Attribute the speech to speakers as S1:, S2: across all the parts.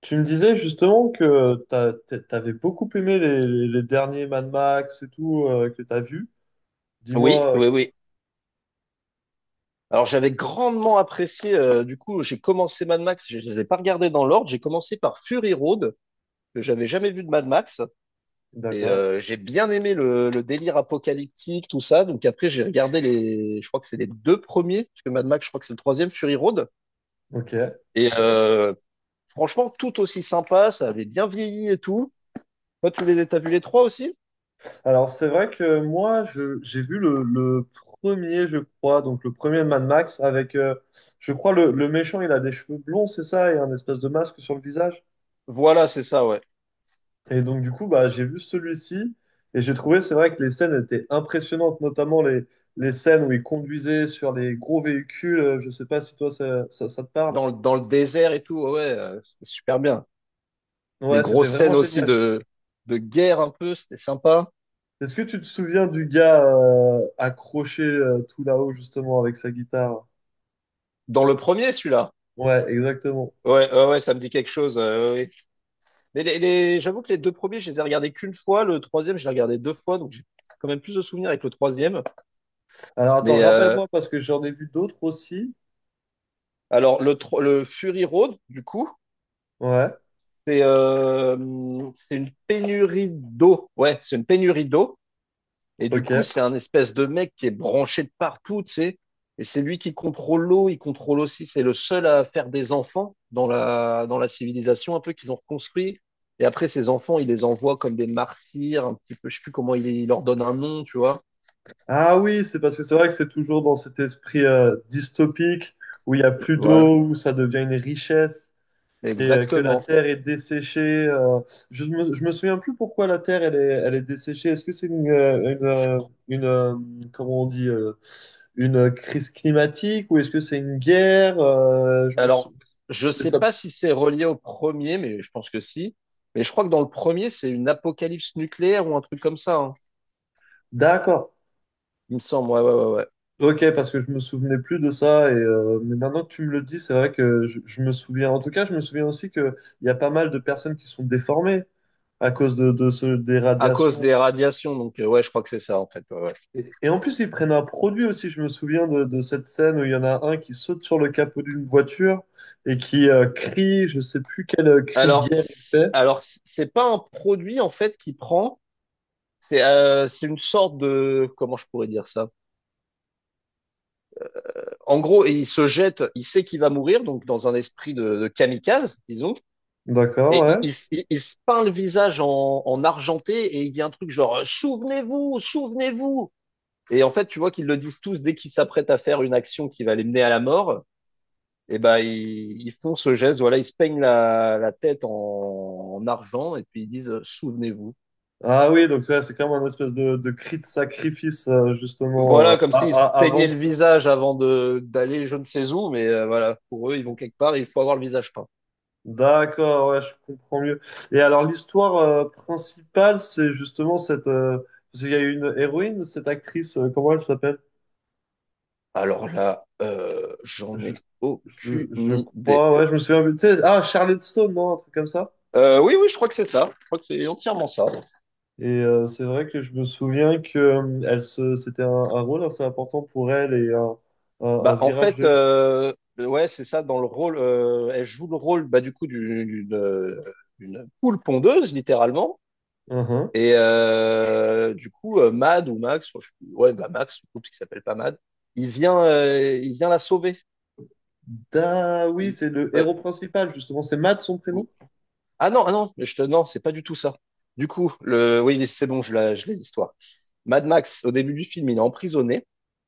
S1: Tu me disais justement que t'avais beaucoup aimé les derniers Mad Max et tout que t'as vu.
S2: Oui,
S1: Dis-moi.
S2: oui, oui. Alors j'avais grandement apprécié, du coup j'ai commencé Mad Max, je ne les ai pas regardés dans l'ordre, j'ai commencé par Fury Road, que j'avais jamais vu de Mad Max,
S1: D'accord.
S2: j'ai bien aimé le délire apocalyptique, tout ça, donc après j'ai regardé les, je crois que c'est les deux premiers, parce que Mad Max je crois que c'est le troisième, Fury Road,
S1: Ok.
S2: et euh, franchement tout aussi sympa, ça avait bien vieilli et tout. Toi tu les t'as vu les trois aussi?
S1: Alors c'est vrai que j'ai vu le premier, je crois, donc le premier Mad Max avec, je crois le méchant, il a des cheveux blonds, c'est ça, et un espèce de masque sur le visage.
S2: Voilà, c'est ça, ouais.
S1: Et donc du coup bah j'ai vu celui-ci et j'ai trouvé c'est vrai que les scènes étaient impressionnantes, notamment les scènes où il conduisait sur les gros véhicules. Je sais pas si toi ça te parle.
S2: Dans, dans le désert et tout, ouais, c'était super bien. Les
S1: Ouais, c'était
S2: grosses
S1: vraiment
S2: scènes aussi
S1: génial.
S2: de guerre un peu, c'était sympa.
S1: Est-ce que tu te souviens du gars accroché tout là-haut justement avec sa guitare?
S2: Dans le premier, celui-là.
S1: Ouais, exactement.
S2: Ouais, ouais, ouais, ça me dit quelque chose. Ouais, ouais. Mais les j'avoue que les deux premiers, je les ai regardés qu'une fois. Le troisième, je l'ai regardé deux fois, donc j'ai quand même plus de souvenirs avec le troisième.
S1: Alors attends,
S2: Mais euh,
S1: rappelle-moi parce que j'en ai vu d'autres aussi.
S2: alors, le le Fury Road, du coup,
S1: Ouais,
S2: c'est euh, c'est une pénurie d'eau. Ouais, c'est une pénurie d'eau. Et du
S1: ok.
S2: coup, c'est un espèce de mec qui est branché de partout, tu sais. Et c'est lui qui contrôle l'eau, il contrôle aussi. C'est le seul à faire des enfants dans la civilisation, un peu qu'ils ont reconstruit. Et après, ces enfants, il les envoie comme des martyrs, un petit peu, je sais plus comment il leur donne un nom, tu vois.
S1: Ah oui, c'est parce que c'est vrai que c'est toujours dans cet esprit dystopique où il n'y a plus
S2: Voilà,
S1: d'eau, où ça devient une richesse. Et que la
S2: exactement.
S1: terre est desséchée. Je me souviens plus pourquoi la terre elle est desséchée. Est-ce que c'est
S2: Je-
S1: une, euh, comment on dit, une crise climatique ou est-ce que c'est une guerre?
S2: alors, je
S1: C'est
S2: sais
S1: ça.
S2: pas si c'est relié au premier, mais je pense que si. Mais je crois que dans le premier, c'est une apocalypse nucléaire ou un truc comme ça, hein.
S1: D'accord.
S2: Il me semble, ouais, ouais, ouais, ouais.
S1: Ok, parce que je me souvenais plus de ça et mais maintenant que tu me le dis, c'est vrai que je me souviens. En tout cas, je me souviens aussi que il y a pas mal de personnes qui sont déformées à cause des
S2: À cause
S1: radiations.
S2: des radiations, donc ouais, je crois que c'est ça, en fait. Ouais, ouais.
S1: Et en plus, ils prennent un produit aussi. Je me souviens de cette scène où il y en a un qui saute sur le capot d'une voiture et qui crie, je sais plus quel cri de
S2: Alors,
S1: guerre il
S2: c'est-
S1: fait.
S2: alors c- c'est pas un produit en fait qu'il prend, c'est une sorte de, comment je pourrais dire ça? En gros, il se jette, il sait qu'il va mourir, donc dans un esprit de kamikaze, disons,
S1: D'accord,
S2: et
S1: ouais.
S2: il se peint le visage en, en argenté et il dit un truc genre souvenez-vous, souvenez-vous. Et en fait, tu vois qu'ils le disent tous dès qu'ils s'apprêtent à faire une action qui va les mener à la mort. Et ben ils font ce geste, voilà, ils se peignent la tête en, en argent et puis ils disent souvenez-vous.
S1: Ah oui, donc ouais, c'est comme un espèce de cri de sacrifice, justement,
S2: Voilà, comme s'ils se
S1: avant
S2: peignaient
S1: de
S2: le
S1: se suicider.
S2: visage avant de d'aller je ne sais où, mais voilà, pour eux, ils vont quelque part et il faut avoir le visage peint.
S1: D'accord, ouais, je comprends mieux. Et alors, l'histoire principale, c'est justement cette parce qu'il y a une héroïne, cette actrice, comment elle s'appelle?
S2: Alors là, j'en
S1: Je,
S2: ai aucune
S1: je
S2: idée.
S1: crois, ouais, je me souviens plus. Tu sais, ah, Charlotte Stone, non? Un truc comme ça?
S2: Oui, oui, je crois que c'est ça. Je crois que c'est entièrement ça.
S1: Et c'est vrai que je me souviens que c'était un rôle assez important pour elle et un
S2: Bah, en
S1: virage
S2: fait,
S1: de.
S2: ouais, c'est ça. Dans le rôle, elle joue le rôle, bah, du coup, d'une poule pondeuse, littéralement.
S1: Uhum.
S2: Du coup, Mad ou Max, enfin, ouais, bah Max, du coup, parce qu'il s'appelle pas Mad, il vient la sauver.
S1: Da, oui,
S2: Il-
S1: c'est le
S2: euh,
S1: héros principal, justement. C'est Matt, son prénom?
S2: Ah non, ah non, non, c'est pas du tout ça. Du coup, le, oui, c'est bon, je l'ai l'histoire. Mad Max, au début du film, il est emprisonné,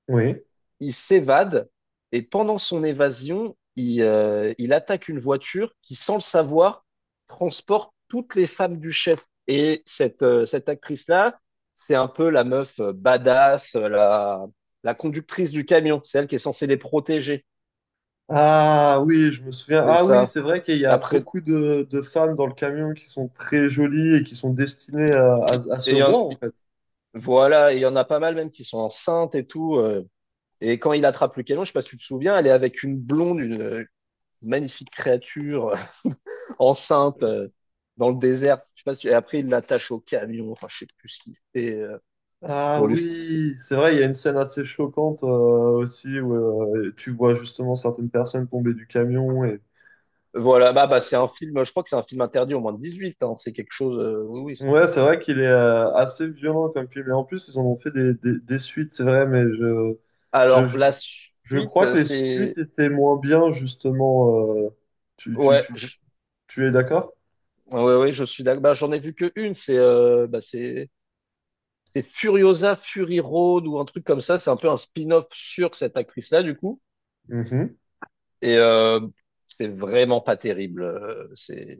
S1: Oui.
S2: il s'évade, et pendant son évasion, il attaque une voiture qui, sans le savoir, transporte toutes les femmes du chef. Et cette actrice-là, c'est un peu la meuf badass, la, la conductrice du camion. C'est elle qui est censée les protéger.
S1: Ah oui, je me souviens.
S2: C'est
S1: Ah oui,
S2: ça.
S1: c'est vrai qu'il y a
S2: Après,
S1: beaucoup de femmes dans le camion qui sont très jolies et qui sont destinées à
S2: et
S1: ce
S2: il y en-
S1: roi, en fait.
S2: voilà, et il y en a pas mal même qui sont enceintes et tout. Et quand il attrape le canon, je ne sais pas si tu te souviens, elle est avec une blonde, une magnifique créature enceinte dans le désert. Je sais pas si Et après, il l'attache au camion. Enfin, je sais plus ce qu'il fait
S1: Ah
S2: pour lui.
S1: oui, c'est vrai, il y a une scène assez choquante aussi où tu vois justement certaines personnes tomber du camion et.
S2: Voilà, bah, c'est un film, je crois que c'est un film interdit au moins de 18 ans. C'est quelque chose, oui, oui.
S1: Ouais, c'est vrai qu'il est assez violent comme film. Et en plus, ils en ont fait des suites, c'est vrai, mais je,
S2: Alors,
S1: je,
S2: la
S1: je
S2: suite,
S1: crois que les suites
S2: c'est,
S1: étaient moins bien, justement. euh, tu, tu,
S2: ouais,
S1: tu,
S2: je...
S1: Tu es d'accord?
S2: Ouais, ouais, je suis d'accord. Bah, j'en ai vu que une, c'est Furiosa Fury Road ou un truc comme ça. C'est un peu un spin-off sur cette actrice-là, du coup.
S1: Mhm.
S2: Et euh, c'est vraiment pas terrible. C'est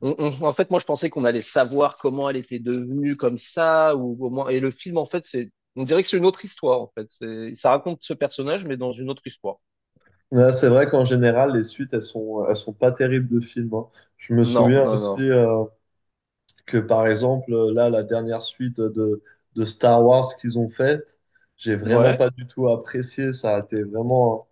S2: en fait moi je pensais qu'on allait savoir comment elle était devenue comme ça ou au moins, et le film en fait c'est, on dirait que c'est une autre histoire en fait. C'est, ça raconte ce personnage mais dans une autre histoire.
S1: Ouais, c'est vrai qu'en général, les suites, elles sont pas terribles de films, hein. Je me
S2: Non,
S1: souviens
S2: non,
S1: aussi.
S2: non.
S1: Que par exemple, là, la dernière suite de Star Wars qu'ils ont faite, j'ai vraiment
S2: Ouais.
S1: pas du tout apprécié. Ça a été vraiment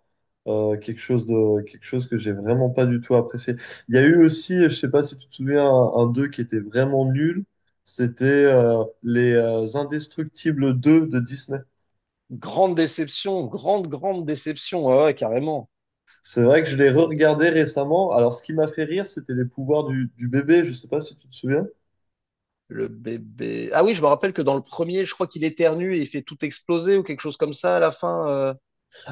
S1: quelque chose quelque chose que j'ai vraiment pas du tout apprécié. Il y a eu aussi, je sais pas si tu te souviens, un 2 qui était vraiment nul. C'était les Indestructibles deux de Disney.
S2: Grande déception, grande grande déception. Ouais, ouais, carrément.
S1: C'est vrai que je l'ai re-regardé récemment. Alors, ce qui m'a fait rire, c'était les pouvoirs du bébé. Je sais pas si tu te souviens.
S2: Le bébé. Ah oui, je me rappelle que dans le premier, je crois qu'il éternue et il fait tout exploser ou quelque chose comme ça à la fin.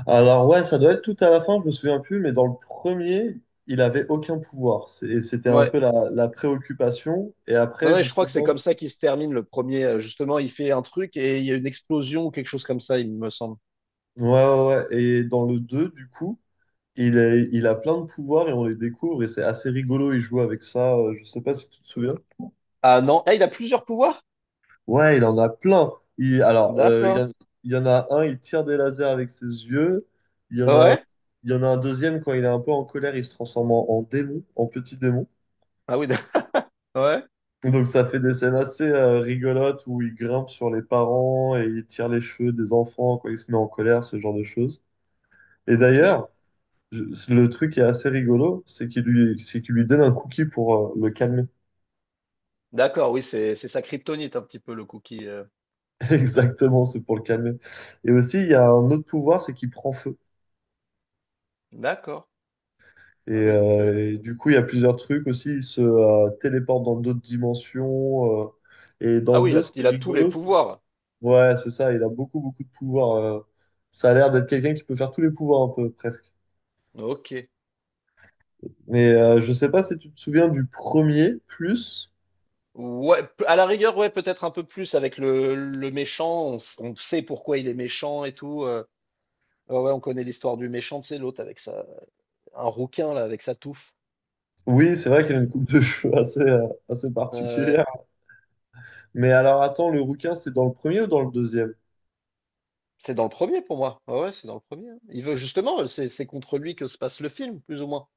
S1: Alors ouais, ça doit être tout à la fin, je me souviens plus, mais dans le premier, il avait aucun pouvoir. Et c'était un
S2: Ouais.
S1: peu la préoccupation. Et
S2: Non,
S1: après,
S2: non, je crois que c'est
S1: justement,
S2: comme ça qu'il se termine le premier. Justement, il fait un truc et il y a une explosion ou quelque chose comme ça, il me semble.
S1: ouais. Et dans le 2, du coup, il a plein de pouvoirs et on les découvre et c'est assez rigolo. Il joue avec ça. Je sais pas si tu te souviens.
S2: Ah non, ah, il a plusieurs pouvoirs?
S1: Ouais, il en a plein. Il, alors, il y
S2: D'accord.
S1: en, Il y en a un, il tire des lasers avec ses yeux. Il y en a,
S2: Ouais.
S1: il y en a un deuxième, quand il est un peu en colère, il se transforme en démon, en petit démon.
S2: Ah oui, d'ac- ouais.
S1: Donc ça fait des scènes assez rigolotes où il grimpe sur les parents et il tire les cheveux des enfants quand il se met en colère, ce genre de choses. Et
S2: Ok.
S1: d'ailleurs, le truc qui est assez rigolo, c'est c'est qu'il lui donne un cookie pour le calmer.
S2: D'accord, oui, c'est sa kryptonite un petit peu le cookie.
S1: Exactement, c'est pour le calmer. Et aussi, il y a un autre pouvoir, c'est qu'il prend feu.
S2: D'accord. Ah oui, donc
S1: Et du coup, il y a plusieurs trucs aussi. Il se téléporte dans d'autres dimensions. Et dans
S2: ah
S1: le
S2: oui,
S1: 2, ce qui est
S2: il a tous les
S1: rigolo,
S2: pouvoirs.
S1: Ouais, c'est ça, il a beaucoup, beaucoup de pouvoir. Ça a l'air d'être quelqu'un qui peut faire tous les pouvoirs un peu, presque.
S2: Ok.
S1: Mais je sais pas si tu te souviens du premier, plus.
S2: Ouais, à la rigueur, ouais, peut-être un peu plus avec le méchant. On sait pourquoi il est méchant et tout. Ouais, ouais, on connaît l'histoire du méchant, c'est l'autre avec sa, un rouquin là avec sa touffe.
S1: Oui, c'est vrai qu'il a
S2: Juste,
S1: une coupe de cheveux assez, assez
S2: euh,
S1: particulière. Mais alors attends, le rouquin, c'est dans le premier ou dans le deuxième?
S2: C'est dans le premier pour moi. Ouais, ouais, c'est dans le premier. Hein. Il veut justement, c'est contre lui que se passe le film, plus ou moins.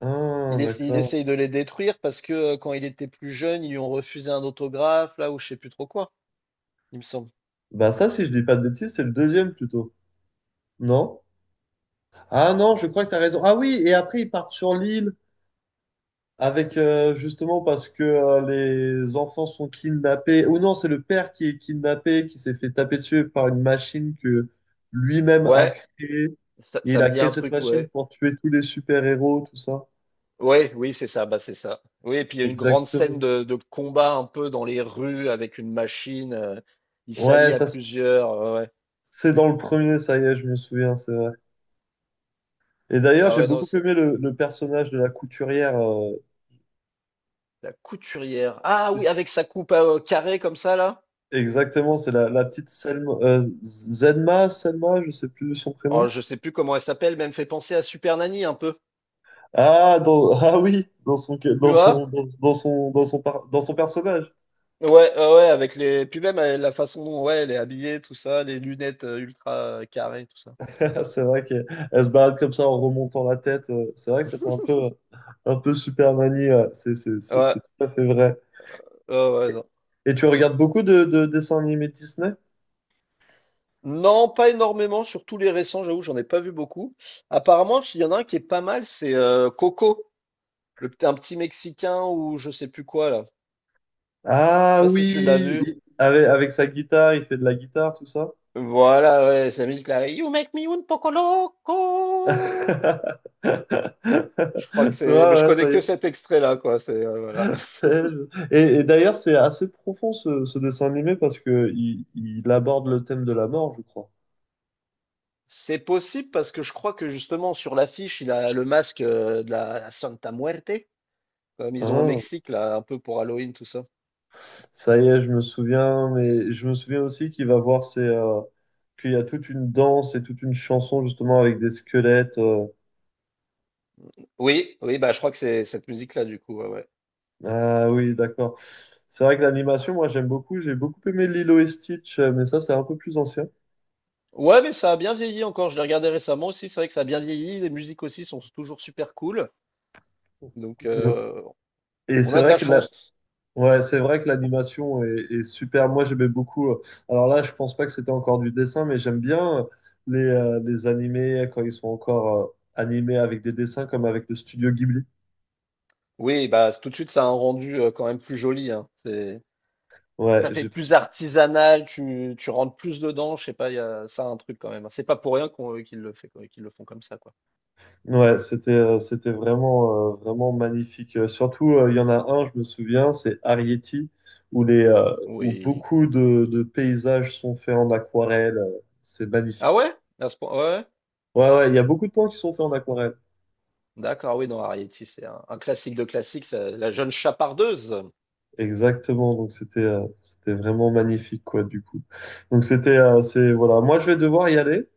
S1: Ah,
S2: Il
S1: d'accord.
S2: essaye de les détruire parce que quand il était plus jeune, ils lui ont refusé un autographe, là, ou je sais plus trop quoi, il me semble.
S1: Bah ça, si je dis pas de bêtises, c'est le deuxième plutôt. Non? Ah non, je
S2: Non.
S1: crois que t'as raison. Ah oui, et après ils partent sur l'île. Avec justement parce que les enfants sont kidnappés, ou non, c'est le père qui est kidnappé, qui s'est fait taper dessus par une machine que lui-même a
S2: Ouais,
S1: créée. Et il
S2: ça
S1: a
S2: me dit
S1: créé
S2: un
S1: cette
S2: truc,
S1: machine
S2: ouais.
S1: pour tuer tous les super-héros, tout ça.
S2: Ouais, oui, c'est ça, bah c'est ça. Oui, et puis il y a une grande scène
S1: Exactement.
S2: de combat un peu dans les rues avec une machine. Il
S1: Ouais,
S2: s'allie à
S1: ça, c'est
S2: plusieurs. Ouais. Ouais.
S1: c'est dans le premier, ça y est, je me souviens, c'est vrai. Et d'ailleurs,
S2: Ah
S1: j'ai
S2: ouais, non,
S1: beaucoup
S2: c'est
S1: aimé le personnage de la couturière.
S2: la couturière. Ah oui, avec sa coupe carrée comme ça, là.
S1: Exactement, c'est la petite Selma, Selma, je sais plus son prénom.
S2: Oh, je sais plus comment elle s'appelle, mais elle me fait penser à Super Nanny un peu.
S1: Ah, ah oui, dans son,
S2: Tu vois?
S1: dans son, dans son, par- dans son personnage.
S2: Ouais, ouais, ouais, avec les. Puis même la façon dont, ouais, elle est habillée, tout ça, les lunettes ultra carrées, tout ça.
S1: C'est vrai qu'elle se balade comme ça en remontant la tête. C'est vrai que ça fait un peu Superman.
S2: Ouais,
S1: C'est tout à fait vrai.
S2: ouais, ouais, non.
S1: Et tu regardes beaucoup de dessins animés de Disney?
S2: Non, pas énormément, sur tous les récents, j'avoue, j'en ai pas vu beaucoup. Apparemment, il y en a un qui est pas mal, c'est Coco, un petit Mexicain ou je sais plus quoi là. Je sais
S1: Ah
S2: pas si tu l'as
S1: oui,
S2: vu.
S1: avec, avec sa guitare, il fait de la guitare, tout ça.
S2: Voilà, ouais, c'est la musique là. You make me un poco
S1: C'est
S2: loco. Je crois que c'est. Mais je
S1: vrai, ouais,
S2: connais
S1: ça y
S2: que
S1: est.
S2: cet extrait là, quoi. C'est voilà.
S1: Et d'ailleurs, c'est assez profond ce dessin animé parce que il aborde le thème de la mort, je crois.
S2: C'est possible parce que je crois que justement sur l'affiche, il a le masque de la Santa Muerte, comme ils ont au
S1: Hein,
S2: Mexique, là, un peu pour Halloween, tout ça.
S1: ça y est, je me souviens, mais je me souviens aussi qu'il va voir ses, qu'il y a toute une danse et toute une chanson justement avec des squelettes.
S2: Oui, oui, bah je crois que c'est cette musique-là, du coup, ouais, ouais.
S1: Ah oui, d'accord. C'est vrai que l'animation, moi, j'aime beaucoup. J'ai beaucoup aimé Lilo et Stitch, mais ça, c'est un peu plus ancien.
S2: Ouais, mais ça a bien vieilli encore. Je l'ai regardé récemment aussi. C'est vrai que ça a bien vieilli. Les musiques aussi sont toujours super cool. Donc,
S1: Et
S2: on
S1: c'est
S2: a de la
S1: vrai que là,
S2: chance.
S1: ouais, c'est vrai que l'animation est super. Moi, j'aimais beaucoup. Alors là, je pense pas que c'était encore du dessin, mais j'aime bien les animés quand ils sont encore animés avec des dessins, comme avec le studio Ghibli.
S2: Oui, bah tout de suite, ça a un rendu quand même plus joli, hein. C'est,
S1: Ouais,
S2: ça fait
S1: j'ai
S2: plus
S1: trouvé.
S2: artisanal. Tu rentres plus dedans. Je sais pas, il y a, ça a un truc quand même. C'est pas pour rien qu'on, qu'ils le font comme ça, quoi.
S1: Ouais, c'était c'était vraiment vraiment magnifique. Surtout, il y en a un, je me souviens, c'est Arrietty, où les où
S2: Oui.
S1: beaucoup de paysages sont faits en aquarelle. C'est
S2: Ah
S1: magnifique.
S2: ouais? À ce point, ouais. Ouais.
S1: Ouais, ouais, il y a beaucoup de plans qui sont faits en aquarelle.
S2: D'accord, ah oui, non, Arrietty, c'est un classique de classique, ça- la jeune chapardeuse.
S1: Exactement, donc c'était c'était vraiment magnifique quoi du coup. Donc c'était c'est voilà, moi je vais devoir y aller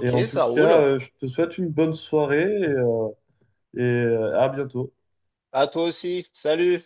S1: et en tout
S2: ça
S1: cas
S2: roule.
S1: je te souhaite une bonne soirée et à bientôt.
S2: À toi aussi. Salut.